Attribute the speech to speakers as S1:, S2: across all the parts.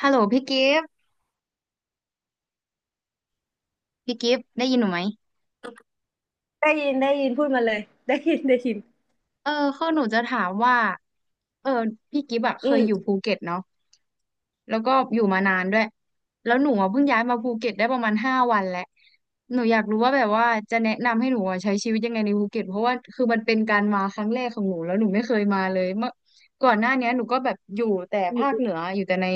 S1: ฮัลโหลพี่กิฟต์พี่กิฟต์ได้ยินหนูไหม
S2: ได้ยินได้ยินพูดมาเลย ได้ยินได้ยิน
S1: เออคือหนูจะถามว่าเออพี่กิฟต์อะเค
S2: อื
S1: ย
S2: ม
S1: อยู่ภูเก็ตเนาะแล้วก็อยู่มานานด้วยแล้วหนูอะเพิ่งย้ายมาภูเก็ตได้ประมาณ5 วันแหละหนูอยากรู้ว่าแบบว่าจะแนะนำให้หนูอะใช้ชีวิตยังไงในภูเก็ตเพราะว่าคือมันเป็นการมาครั้งแรกของหนูแล้วหนูไม่เคยมาเลยเมื่อก่อนหน้าเนี้ยหนูก็แบบอยู่แต่
S2: อื
S1: ภา
S2: ม
S1: คเหนืออยู่แต่ใน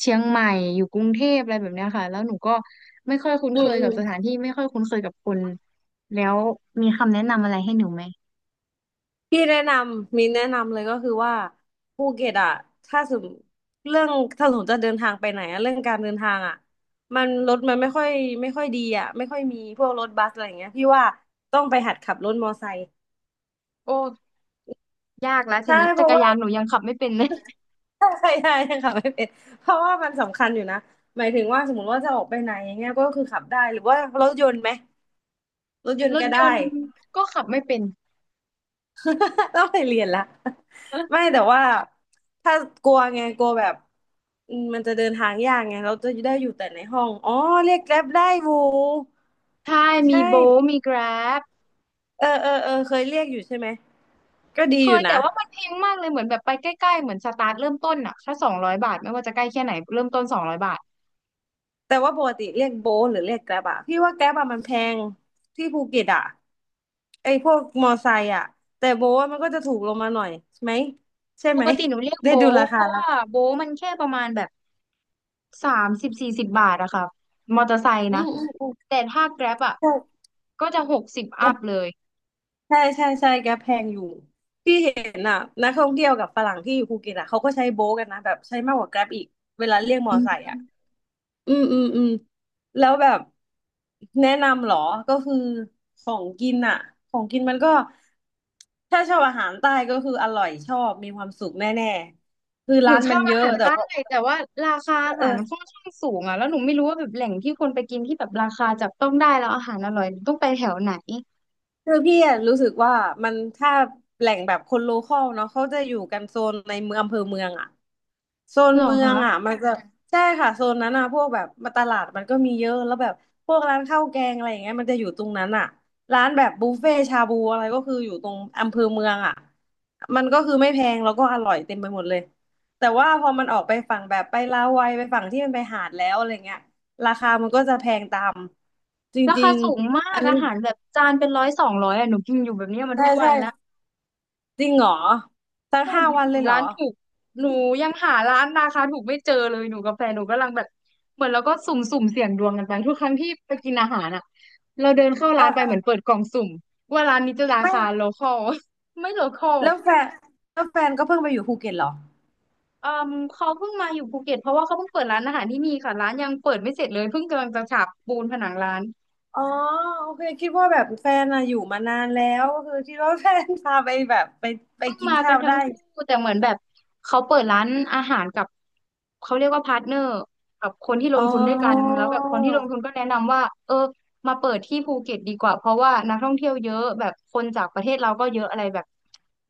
S1: เชียงใหม่อยู่กรุงเทพอะไรแบบเนี้ยค่ะแล้วหนูก็ไม่ค่อยคุ้น
S2: อื
S1: เค
S2: ม
S1: ย
S2: อื
S1: กับ
S2: ม
S1: สถานที่ไม่ค่อยคุ้นเคยกับคนแล้วมีคำแนะนำอะไรให้หนูไหม
S2: พี่แนะนำมีแนะนำเลยก็คือว่าภูเก็ตอ่ะถ้าสมเรื่องถ้าสมมติจะเดินทางไปไหนอะเรื่องการเดินทางอ่ะมันรถมันไม่ค่อยดีอ่ะไม่ค่อยมีพวกรถบัสอะไรอย่างเงี้ยพี่ว่าต้องไปหัดขับรถมอไซค์
S1: โอ้ ยากแล้วที
S2: ใช่
S1: นี้
S2: เพ
S1: จัก
S2: ราะ
S1: ร
S2: ว่า
S1: ยานหนูยังขับไม่เป็นเลย
S2: ใช่ใช่ขับไม่เป็นเพราะว่ามันสำคัญอยู่นะหมายถึงว่าสมมติว่าจะออกไปไหนอย่างเงี้ยก็คือขับได้หรือว่ารถยนต์ไหมรถยน
S1: ร
S2: ต์
S1: ถ
S2: ก็
S1: ย
S2: ได้
S1: นต์ก็ขับไม่เป็น
S2: ต้องไปเรียนละไม่แต่ว่าถ้ากลัวไงกลัวแบบมันจะเดินทางยากไงเราจะได้อยู่แต่ในห้องอ๋อเรียกแกร็บได้บู
S1: ใช่มี
S2: ใช่
S1: โบทมีแกร็บ
S2: เออเคยเรียกอยู่ใช่ไหมก็ดี
S1: เค
S2: อยู่
S1: ยแต่
S2: นะ
S1: ว่ามันแพงมากเลยเหมือนแบบไปใกล้ๆเหมือนสตาร์ทเริ่มต้นอะแค่สองร้อยบาทไม่ว่าจะใกล้แค่ไหนเริ่มต้นสองร้อยบาท
S2: แต่ว่าปกติเรียกโบทหรือเรียกแกร็บอะพี่ว่าแกร็บอะมันแพงที่ภูเก็ตอะไอพวกมอไซค์อะแต่โบทอะมันก็จะถูกลงมาหน่อยใช่ไหมใช่
S1: ป
S2: ไหม
S1: กติหนูเรียก
S2: ได้
S1: โบ
S2: ดู
S1: ท
S2: รา
S1: เพ
S2: คา
S1: ราะ
S2: ละ
S1: ว่าโบทมันแค่ประมาณแบบ30-40 บาทอะค่ะมอเตอร์ไซค์นะ
S2: อืม
S1: แต่ถ้าแกร็บอะ
S2: ใ
S1: ก็จะ60อั
S2: ช่
S1: พเลย
S2: ใช่ใช่ใช่แก๊ปแพงอยู่ที่เห็นอ่ะนักท่องเที่ยวกับฝรั่งที่อยู่ภูเก็ตอ่ะเขาก็ใช้โบ๊ทกันนะแบบใช้มากกว่าแกรบอีกเวลาเรียกมอ
S1: อื
S2: ไซค์อ่ะ
S1: ม
S2: อืมแล้วแบบแนะนำเหรอก็คือของกินอ่ะของกินมันก็ถ้าชอบอาหารใต้ก็คืออร่อยชอบมีความสุขแน่ๆคือ
S1: หนู
S2: ร้าน
S1: ช
S2: มั
S1: อ
S2: น
S1: บ
S2: เย
S1: อา
S2: อะ
S1: หาร
S2: แต่
S1: ใต้
S2: ว่า
S1: แต่ว่าราคาอา
S2: เอ
S1: หาร
S2: อ
S1: มันค่อนข้างสูงอ่ะแล้วหนูไม่รู้ว่าแบบแหล่งที่คนไปกินที่แบบราคาจับต้องได้แล้วอาหารอร่อยหนูต้องไปแถวไหน
S2: คือพี่อะรู้สึกว่ามันถ้าแหล่งแบบคนโลคอลเนาะเขาจะอยู่กันโซนในเมืองอำเภอเมืองอะโซน
S1: หรอ
S2: เมืองอะ
S1: คะ
S2: มันจะใช่ค่ะโซนนั้นอะพวกแบบมาตลาดมันก็มีเยอะแล้วแบบพวกร้านข้าวแกงอะไรอย่างเงี้ยมันจะอยู่ตรงนั้นอะร้านแบบบุฟเฟ่ชาบูอะไรก็คืออยู่ตรงอำเภอเมืองอะมันก็คือไม่แพงแล้วก็อร่อยเต็มไปหมดเลยแต่ว่าพอมันออกไปฝั่งแบบไปลาวัยไปฝั่งที่มันไปหาดแล้วอะไรเงี้ยราคามันก็จะแพงตามจ
S1: รา
S2: ริ
S1: คา
S2: ง
S1: สูงมา
S2: ๆอั
S1: ก
S2: นนี้
S1: อาหารแบบจานเป็น100-200อ่ะหนูกินอยู่แบบเนี้ยมา
S2: ใช่
S1: ทุกวั
S2: ใช่
S1: นแล้ว
S2: จริงเหรอ ตั้ง5 วันเลยเหร
S1: ร้าน
S2: อ
S1: ถูกหนูยังหาร้านราคาถูกไม่เจอเลยหนูกับแฟนหนูกำลังแบบเหมือนเราก็สุ่มสุ่มเสี่ยงดวงกันไปทุกครั้งที่ไปกินอาหารอ่ะเราเดินเข้า
S2: เออ
S1: ร้านไป
S2: เอ
S1: เหมือน
S2: อ
S1: เปิดกล่องสุ่มว่าร้านนี้จะรา
S2: ไม่
S1: คาโลคอล ไม่โลคอล
S2: แล้วแฟนแล้วแฟนก็เพิ่งไปอยู่ภูเก็ตเหรอ
S1: เอ่มเขาเพิ่งมาอยู่ภูเก็ตเพราะว่าเขาเพิ่งเปิดร้านอาหารที่นี่ค่ะร้านยังเปิดไม่เสร็จเลยเพิ่งกำลังจะฉาบปูนผนังร้าน
S2: อ๋อโอเคคิดว่าแบบแฟนอะอยู่มานานแล้วก็คือคิดว่าแฟนพาไปแบบไปไป
S1: เพิ่ง
S2: กิน
S1: มากั
S2: ข้า
S1: น
S2: ว
S1: ทั้ง
S2: ได้
S1: คู่แต่เหมือนแบบเขาเปิดร้านอาหารกับเขาเรียกว่าพาร์ทเนอร์กับคนที่ล
S2: อ๋
S1: งทุนด้วยกัน
S2: อ
S1: แล้วแบบคนที่ลงทุนก็แนะนำว่าเออมาเปิดที่ภูเก็ตดีกว่าเพราะว่านักท่องเที่ยวเยอะแบบคนจากประเทศเราก็เยอะอะไรแบบ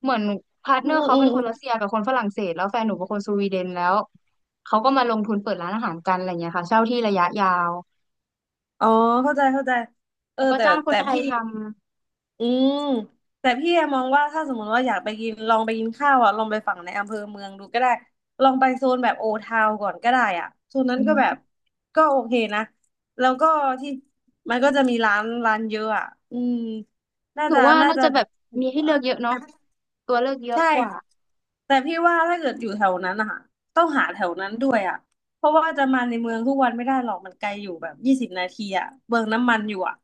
S1: เหมือนพาร์ทเนอร์เขาเป็นค
S2: อื
S1: นรัส
S2: ม
S1: เซียกับคนฝรั่งเศสแล้วแฟนหนูเป็นคนสวีเดนแล้วเขาก็มาลงทุนเปิดร้านอาหารกันอะไรเงี้ยค่ะเช่าที่ระยะยาว
S2: อ๋อเข้าใจเข้าใจเออ
S1: แล้วก็
S2: แต่
S1: จ้างค
S2: แต่
S1: นไทย
S2: พี่
S1: ท
S2: อืมแต่พี่แอมมองว่าถ้าสมมติว่าอยากไปกินลองไปกินข้าวอ่ะลองไปฝั่งในอำเภอเมืองดูก็ได้ลองไปโซนแบบโอทาวก่อนก็ได้อ่ะโซน
S1: ำ
S2: นั้
S1: อื
S2: นก็แบบ
S1: ม
S2: ก็โอเคนะแล้วก็ที่มันก็จะมีร้านเยอะอ่ะอืมน่า
S1: หนู
S2: จะ
S1: ว่า
S2: น่า
S1: น่า
S2: จะ
S1: จะแบบ
S2: ถู
S1: มี
S2: กก
S1: ให้เลื
S2: ว่า
S1: อกเยอะเนาะตัวเลือกเยอะ
S2: ใช่
S1: กว่า
S2: แต่พี่ว่าถ้าเกิดอยู่แถวนั้นนะคะต้องหาแถวนั้นด้วยอ่ะเพราะว่าจะมาในเมืองทุกวันไม่ได้หรอกมันไกลอยู่แบบ20 นาทีอ่ะเบืองน้ำมันอยู่อ่ะ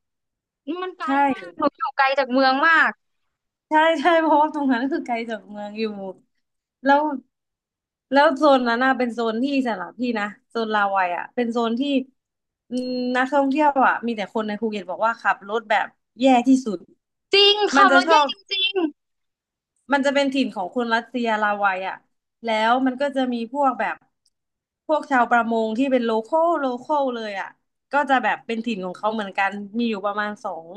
S1: อืมมันไกล
S2: ใช
S1: มาก
S2: ่
S1: หนูอยู่ไกลจากเมืองมาก
S2: ใช่ใช่ เพราะว่าตรงนั้นคือไกลจากเมืองอยู่แล้วแล้วโซนนั้นน่ะเป็นโซนที่สำหรับพี่นะโซนลาวัยอ่ะเป็นโซนที่อืมนักท่องเที่ยวอ่ะมีแต่คนในภูเก็ตบอกว่าขับรถแบบแย่ที่สุด
S1: จริง
S2: มั
S1: ขั
S2: น
S1: บร
S2: จะ
S1: ถ
S2: ชอ
S1: แย่
S2: บ
S1: จริง
S2: มันจะเป็นถิ่นของคนรัสเซียลาวัยอ่ะแล้วมันก็จะมีพวกแบบ พวกชาวประมงที่เป็นโลคอลโลคอลเลยอ่ะก็จะแบบเป็นถิ่นของเขาเหมือนกัน มีอยู่ประมาณสอง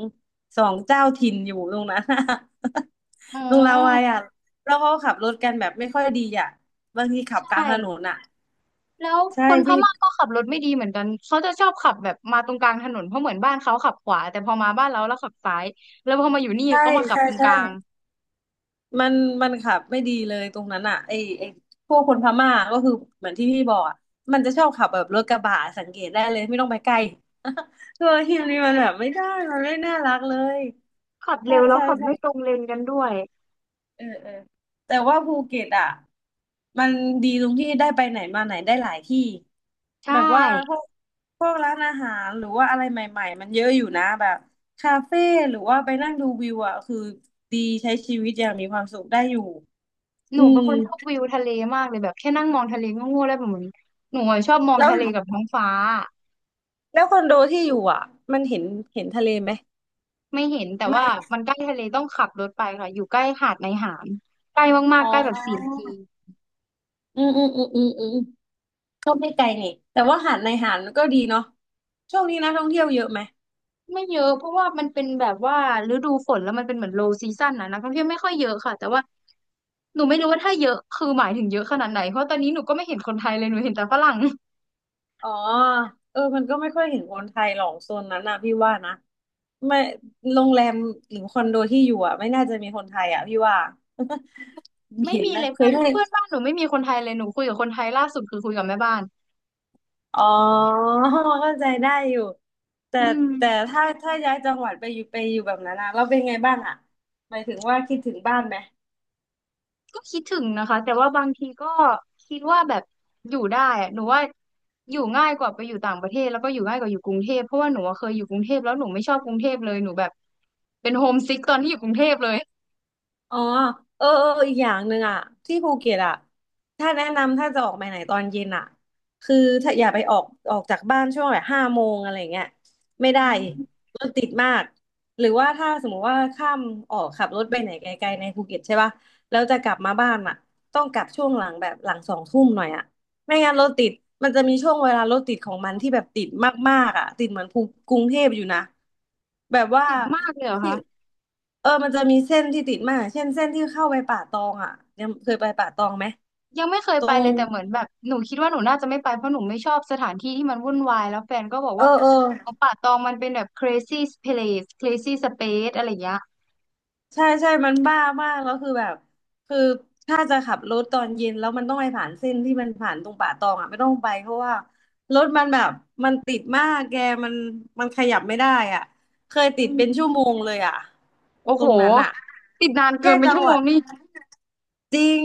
S2: สองเจ้าถิ่นอยู่ตรงนั้น
S1: ๆอื
S2: ตรงลาวัย
S1: ม
S2: อ่ะแล้วเขาขับรถกันแบบไม่ค่อยดีอ่ะบางทีขั
S1: ใช
S2: บกลางถนน
S1: ่
S2: อ่ะ
S1: แล้ว
S2: ใช่
S1: คนพ
S2: พี่
S1: ม่าก็ขับรถไม่ดีเหมือนกัน เขาจะชอบขับแบบมาตรงกลางถนนเพราะเหมือนบ้านเขาขับขวาแต่พอมาบ้านเราแล้วขับซ้ายแล้วพอมาอยู่นี่
S2: ใช่
S1: เขามาขับ
S2: ใช่
S1: ตรงก
S2: ใช่
S1: ลาง
S2: มันมันขับไม่ดีเลยตรงนั้นอ่ะไอพวกคนพม่าก็คือเหมือนที่พี่บอกอ่ะมันจะชอบขับแบบรถกระบะสังเกตได้เลยไม่ต้องไปใกล้ ตัวทีมนี้มันแบบ
S1: ใช่
S2: ไม่ได้มันไม่น่ารักเลย
S1: ขับ
S2: ใช่
S1: เร็วแล้ว
S2: ใช่
S1: ขับ
S2: ใช่
S1: ไม่ตรงเลนกันด้วย
S2: เออเออแต่ว่าภูเก็ตอ่ะมันดีตรงที่ได้ไปไหนมาไหนได้หลายที่
S1: ใช่
S2: แบบว่าพวกร้านอาหารหรือว่าอะไรใหม่ๆมันเยอะอยู่นะแบบคาเฟ่หรือว่าไปนั่งดูวิวอ่ะคือดีใช้ชีวิตอย่างมีความสุขได้อยู่
S1: ห
S2: อื
S1: นูเป็
S2: ม
S1: นคนชอบวิวทะเลมากเลยแบบแค่นั่งมองทะเลก็ง่วงแล้วแบบเหมือนหนูอะชอบมอง
S2: แล้ว
S1: ทะเลกับท้องฟ้า
S2: แล้วคอนโดที่อยู่อ่ะมันเห็นเห็นทะเลไหม
S1: ไม่เห็นแต่
S2: ไม่
S1: ว่ามันใกล้ทะเลต้องขับรถไปค่ะอยู่ใกล้หาดในหามใกล้มาก
S2: อ๋
S1: ๆ
S2: อ
S1: ใกล้แบบ4 นาที
S2: อืมก็ไม่ไกลนี่แต่ว่าหาดในหาดมันก็ดีเนาะช่วงนี้นักท่องเที่ยวเยอะไหม
S1: ไม่เยอะเพราะว่ามันเป็นแบบว่าฤดูฝนแล้วมันเป็นเหมือน low season นะนักท่องเที่ยวไม่ค่อยเยอะค่ะแต่ว่าหนูไม่รู้ว่าถ้าเยอะคือหมายถึงเยอะขนาดไหนเพราะตอนนี้หนูก็ไม่เห็นคนไทยเลยหนูเห็นแต่ฝรั่ง
S2: อ๋อเออมันก็ไม่ค่อยเห็นคนไทยหรอกโซนนั้นนะพี่ว่านะไม่โรงแรมหรือคอนโดที่อยู่อ่ะไม่น่าจะมีคนไทยอ่ะพี่ว่า
S1: ไม่
S2: เห็น
S1: มี
S2: ไหม
S1: เลย
S2: เค
S1: เพื่
S2: ย
S1: อน
S2: ได้
S1: เพื่อนบ้านหนูไม่มีคนไทยเลยหนูคุยกับคนไทยล่าสุดคือคุยกับแม่บ้าน
S2: อ๋อเข้าใจได้อยู่ แต่
S1: อืม
S2: แต่ถ้าย้ายจังหวัดไปอยู่แบบนั้นอะเราเป็นไงบ้างอะหมายถึงว่าคิดถึงบ้านไหม
S1: ก็คิดถึงนะคะแต่ว่าบางทีก็คิดว่าแบบอยู่ได้อะหนูว่าอยู่ง่ายกว่าไปอยู่ต่างประเทศแล้วก็อยู่ง่ายกว่าอยู่กรุงเทพเพราะว่าหนูอะเคยอยู่กรุงเทพแล้วหนูไม่ชอบกรุงเทพเลยหนูแบบเป็นโฮมซิกตอนที่อยู่กรุงเทพเลย
S2: อ๋อเออเอออีกอย่างหนึ่งอ่ะที่ภูเก็ตอ่ะถ้าแนะนำถ้าจะออกไปไหนตอนเย็นอ่ะคือถ้าอย่าไปออกจากบ้านช่วงแบบ5 โมงอะไรเงี้ยไม่ได้
S1: อืม
S2: รถติดมากหรือว่าถ้าสมมุติว่าข้ามออกขับรถไปไหนไกลๆในภูเก็ตใช่ป่ะแล้วจะกลับมาบ้านอ่ะต้องกลับช่วงหลังแบบหลัง2 ทุ่มหน่อยอ่ะไม่งั้นรถติดมันจะมีช่วงเวลารถติดของมันที่แบบติดมากๆอ่ะติดเหมือนกรุงเทพอยู่นะแบบว่า
S1: ติดมากเลยเหรอคะ
S2: เออมันจะมีเส้นที่ติดมากเช่นเส้นที่เข้าไปป่าตองอ่ะยังเคยไปป่าตองไหม
S1: ยังไม่เคย
S2: ตร
S1: ไปเลย
S2: ง
S1: แต่เหมือนแบบหนูคิดว่าหนูน่าจะไม่ไปเพราะหนูไม่ชอบสถานที่ที่มันวุ่นวายแล้วแฟนก็บอก
S2: เออ
S1: ว่า
S2: เออ
S1: ของป่าตองมันเป็นแบบ crazy place crazy space อะไรอย่างเงี้ย
S2: ใช่ใช่มันบ้ามากแล้วคือแบบคือถ้าจะขับรถตอนเย็นแล้วมันต้องไปผ่านเส้นที่มันผ่านตรงป่าตองอ่ะไม่ต้องไปเพราะว่ารถมันแบบมันติดมากแกมันขยับไม่ได้อ่ะเคย
S1: อื
S2: ติด
S1: ม
S2: เป็นชั่วโมงเลยอ่ะ
S1: โอ้
S2: ตร
S1: โห
S2: งนั้นอ่ะ
S1: ติดนานเกิ
S2: แค่
S1: นเป็น
S2: จัง
S1: ชั่ว
S2: ห
S1: โม
S2: วั
S1: ง
S2: ด
S1: นี่
S2: จริง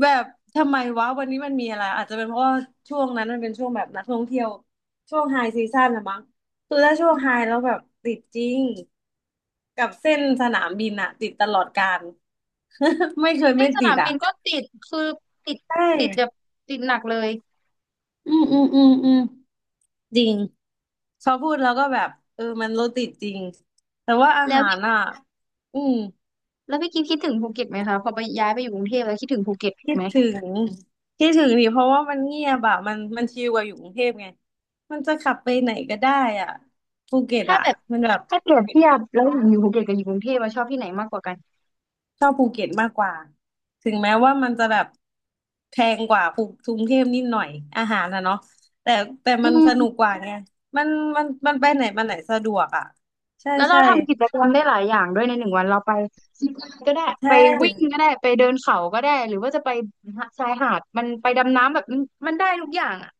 S2: แบบทำไมวะวันนี้มันมีอะไรอาจจะเป็นเพราะว่าช่วงนั้นมันเป็นช่วงแบบนักท่องเที่ยวช่วงไฮซีซั่นนะมั้งคือถ้าช่วง
S1: อื
S2: ไฮแล้วแบบ
S1: ม
S2: ติดจริงกับเส้นสนามบินอะติดตลอดการ ไม่เคย
S1: เส้
S2: ไม่
S1: นส
S2: ติ
S1: นา
S2: ด
S1: มบิ
S2: อะ
S1: นก็ติดคือติด
S2: ใช่
S1: ติดแบบติดหนักเลย
S2: อืมอืมอืมอืมจริงพอพูดแล้วก็แบบเออมันรถติดจริงแต่ว่าอา
S1: แล้ว
S2: หา
S1: พี่
S2: รอ่ะอืม
S1: แล้วพี่กิฟคิดถึงภูเก็ตไหมคะพอไปย้ายไปอยู่กรุงเทพแล้วคิดถึงภูเก็ต
S2: คิด
S1: ไหม
S2: ถึงคิดถึงดิเพราะว่ามันเงียบอะมันชิลกว่าอยู่กรุงเทพไงมันจะขับไปไหนก็ได้อ่ะภูเก็ต
S1: ถ้า
S2: อ่ะ
S1: แบบ
S2: มันแบบ
S1: ถ้าเปรียบเทียบแล้วอยู่ภูเก็ตกับอยู่กรุงเทพเราชอบที่ไหนมากกว่ากัน
S2: ชอบภูเก็ตมากกว่าถึงแม้ว่ามันจะแบบแพงกว่ากรุงเทพนิดหน่อยอาหารนะเนาะแต่แต่
S1: อื
S2: มันสนุกก
S1: ม
S2: ว่าไงมันไปไหนมาไหนสะดวกอ่ะใช่
S1: แล้วเรา
S2: ใช่
S1: ทำกิจกรรมได้หลายอย่างด้วยในหนึ่งวันเราไปซีปไลนก็ได้
S2: ใช่
S1: ไปวิ่งก็ได้ ไปเดินเขาก็ได้ หรือว่าจะไปชายหาดมันไปดำน้ำแบบมันมันได้ทุกอย่างอ่ะ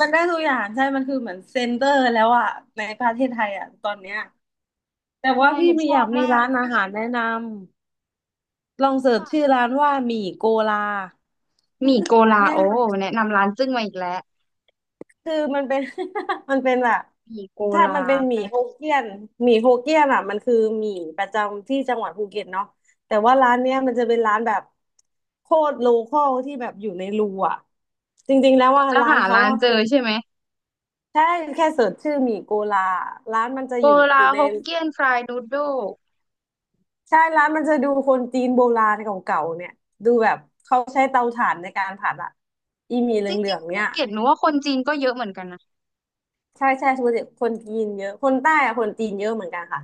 S2: มันได้ทุกอย่างใช่มันคือเหมือนเซ็นเตอร์แล้วอ่ะในประเทศไทยอ่ะตอนเนี้ยแต่ว่า
S1: ใช่ห
S2: พี่
S1: นู
S2: มี
S1: ช
S2: อ
S1: อ
S2: ยา
S1: บ
S2: กมี
S1: มาก
S2: ร้านอาหารแนะนำ ลองเสิร์ชชื่
S1: ค่ะ
S2: อร้านว่าหมี่โกลา
S1: หมี่โก ลา
S2: แน่
S1: โอ
S2: นอน
S1: แนะนำร้านจึ้งมาอีกแล้ว
S2: คือมันเป็น มันเป็นแบบ
S1: หมี่โก
S2: ถ้า
S1: ลา
S2: มันเป็นหมี่โฮเกี้ยนหมี่โฮเกี้ยนอ่ะมันคือหมี่ประจำที่จังหวัดภูเก็ตเนาะแต่ว่าร้านเนี้ยมันจะเป็นร้านแบบโคตรโลคอลที่แบบอยู่ในรูอ่ะจริงๆแล้ว
S1: เดี๋ยว
S2: ว่า
S1: จะ
S2: ร้าน
S1: หา
S2: เขา
S1: ร้าน
S2: ว่า
S1: เจอใช่ไหม
S2: ใช่แค่เสิร์ชชื่อหมี่โกลาร้านมันจะ
S1: โก
S2: อ
S1: ลา
S2: ยู่ใน
S1: ฮกเกี้ยนฟรายนูดโด
S2: ใช่ร้านมันจะดูคนจีนโบราณเก่าๆเนี่ยดูแบบเขาใช้เตาถ่านในการผัดอ่ะอีหมี่เห
S1: จ
S2: ลื
S1: ริ
S2: อ
S1: ง
S2: งๆ
S1: ๆภู
S2: เนี่ย
S1: เก็ตหนูว่าคนจีนก็เยอะเหมือนกันนะ
S2: ใช่ใช่คนจีนเยอะคนใต้อะคนจีนเยอะเหมือนกันค่ะ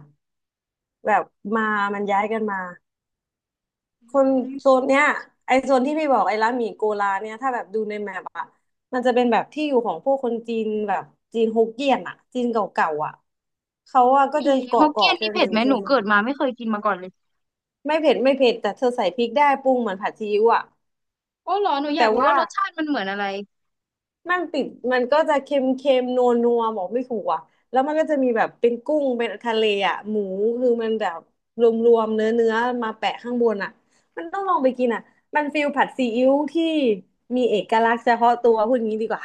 S2: แบบมาย้ายกันมาคน
S1: อื
S2: โซ
S1: ม
S2: นเนี้ยไอโซนที่พี่บอกไอร้านหมี่โกลาเนี่ยถ้าแบบดูในแมปอะมันจะเป็นแบบที่อยู่ของพวกคนจีนแบบจีนฮกเกี้ยนอะจีนเก่าๆอะเขาอะก็
S1: มี
S2: จะ
S1: ฮกเกี้
S2: เกาะ
S1: ยน
S2: กั
S1: นี่
S2: นอ
S1: เผ็ด
S2: ยู่
S1: ไหม
S2: โซ
S1: หนู
S2: น
S1: เกิดมาไม่เคยกินมาก่อนเลย
S2: ไม่เผ็ดไม่เผ็ดแต่เธอใส่พริกได้ปรุงเหมือนผัดซีอิ๊วอะ
S1: โอ้เหรอหนูอยา
S2: แต่
S1: กรู้
S2: ว่า
S1: ว่ารสชาติมันเหมือนอะไร
S2: มันติดมันก็จะเค็มเค็มนัวนัวบอกไม่ถูกอ่ะแล้วมันก็จะมีแบบเป็นกุ้งเป็นทะเลอ่ะหมูคือมันแบบรวมๆเนื้อเนื้อมาแปะข้างบนอ่ะมันต้องลองไปกินอ่ะมันฟิลผัดซีอิ๊วที่มีเอกลักษณ์เฉพาะตัวพูดงี้ดีกว่า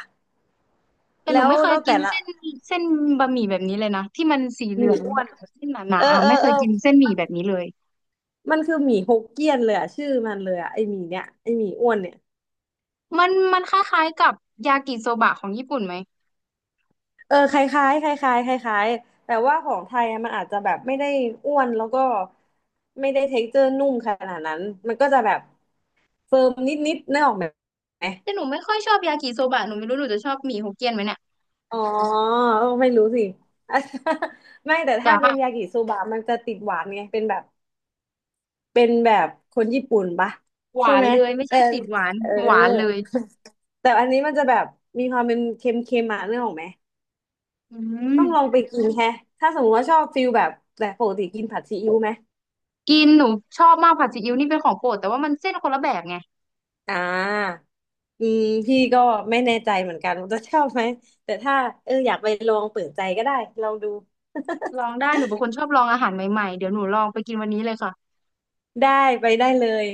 S1: แต่หนู
S2: แล้ว
S1: ไม่เคย
S2: แล้ว
S1: กิ
S2: แต่
S1: น
S2: ละ
S1: เส้นเส้นบะหมี่แบบนี้เลยนะที่มันสี
S2: ห
S1: เหลือง
S2: มี่
S1: แล้ว
S2: อ้วน
S1: ก็แบบเส้นหนา
S2: เอ
S1: ๆ
S2: อ
S1: อ่ะ
S2: เอ
S1: ไม่
S2: อ
S1: เค
S2: เอ
S1: ย
S2: อ
S1: กินเส้นหมี่แบบนี้เลย
S2: มันคือหมี่ฮกเกี้ยนเลยอ่ะชื่อมันเลยอ่ะไอหมี่เนี้ยไอหมี่อ้วนเนี่ย
S1: มันคล้ายๆกับยากิโซบะของญี่ปุ่นไหม
S2: เออคล้ายๆคล้ายๆคล้ายๆแต่ว่าของไทยอะมันอาจจะแบบไม่ได้อ้วนแล้วก็ไม่ได้เท็กเจอร์นุ่มขนาดนั้นมันก็จะแบบเฟิร์มนิดๆนึกออกไหม
S1: แต่หนูไม่ค่อยชอบยากิโซบะหนูไม่รู้หนูจะชอบหมี่ฮกเกี้ยนไหมเนี่ย
S2: อ๋อเออไม่รู้สิ ไม่แต่
S1: แต่
S2: ถ้าเป็
S1: ค่ะ
S2: นยากิโซบะมันจะติดหวานไงเป็นแบบเป็นแบบคนญี่ปุ่นปะ
S1: ห
S2: ใช่
S1: วาน
S2: ไหม
S1: เลยไม่
S2: แต่
S1: ใช่ติดหวาน
S2: เออ
S1: หวานเลย
S2: แต่อันนี้มันจะแบบมีความเป็นเค็มๆมาเนื้อออกไหม
S1: อืม
S2: ต้องลองไปกินแฮะถ้าสมมติว่าชอบฟิลแบบแต่ปกติกินผัดซีอิ๊วไหม
S1: กินหนูชอบมากผัดซีอิ๊วนี่เป็นของโปรดแต่ว่ามันเส้นคนละแบบไง
S2: อ่าอืมพี่ก็ไม่แน่ใจเหมือนกันว่าจะชอบไหม แต่ถ้าเอออยากไปลองเปิดใจก็ได้ลองดู
S1: ลองได้หนูเป็นคนชอบลองอาหารใหม่ๆเดี๋ยวหนูลองไปกินวันนี้เลยค่ะ
S2: ได้ไปได้เลย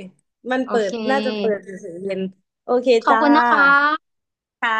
S2: มัน
S1: โอ
S2: เปิ
S1: เค
S2: ดน่าจะเปิดถึง4 โมงเย็นโอเค
S1: ขอบ
S2: จ้า
S1: คุณนะคะ
S2: ค่ะ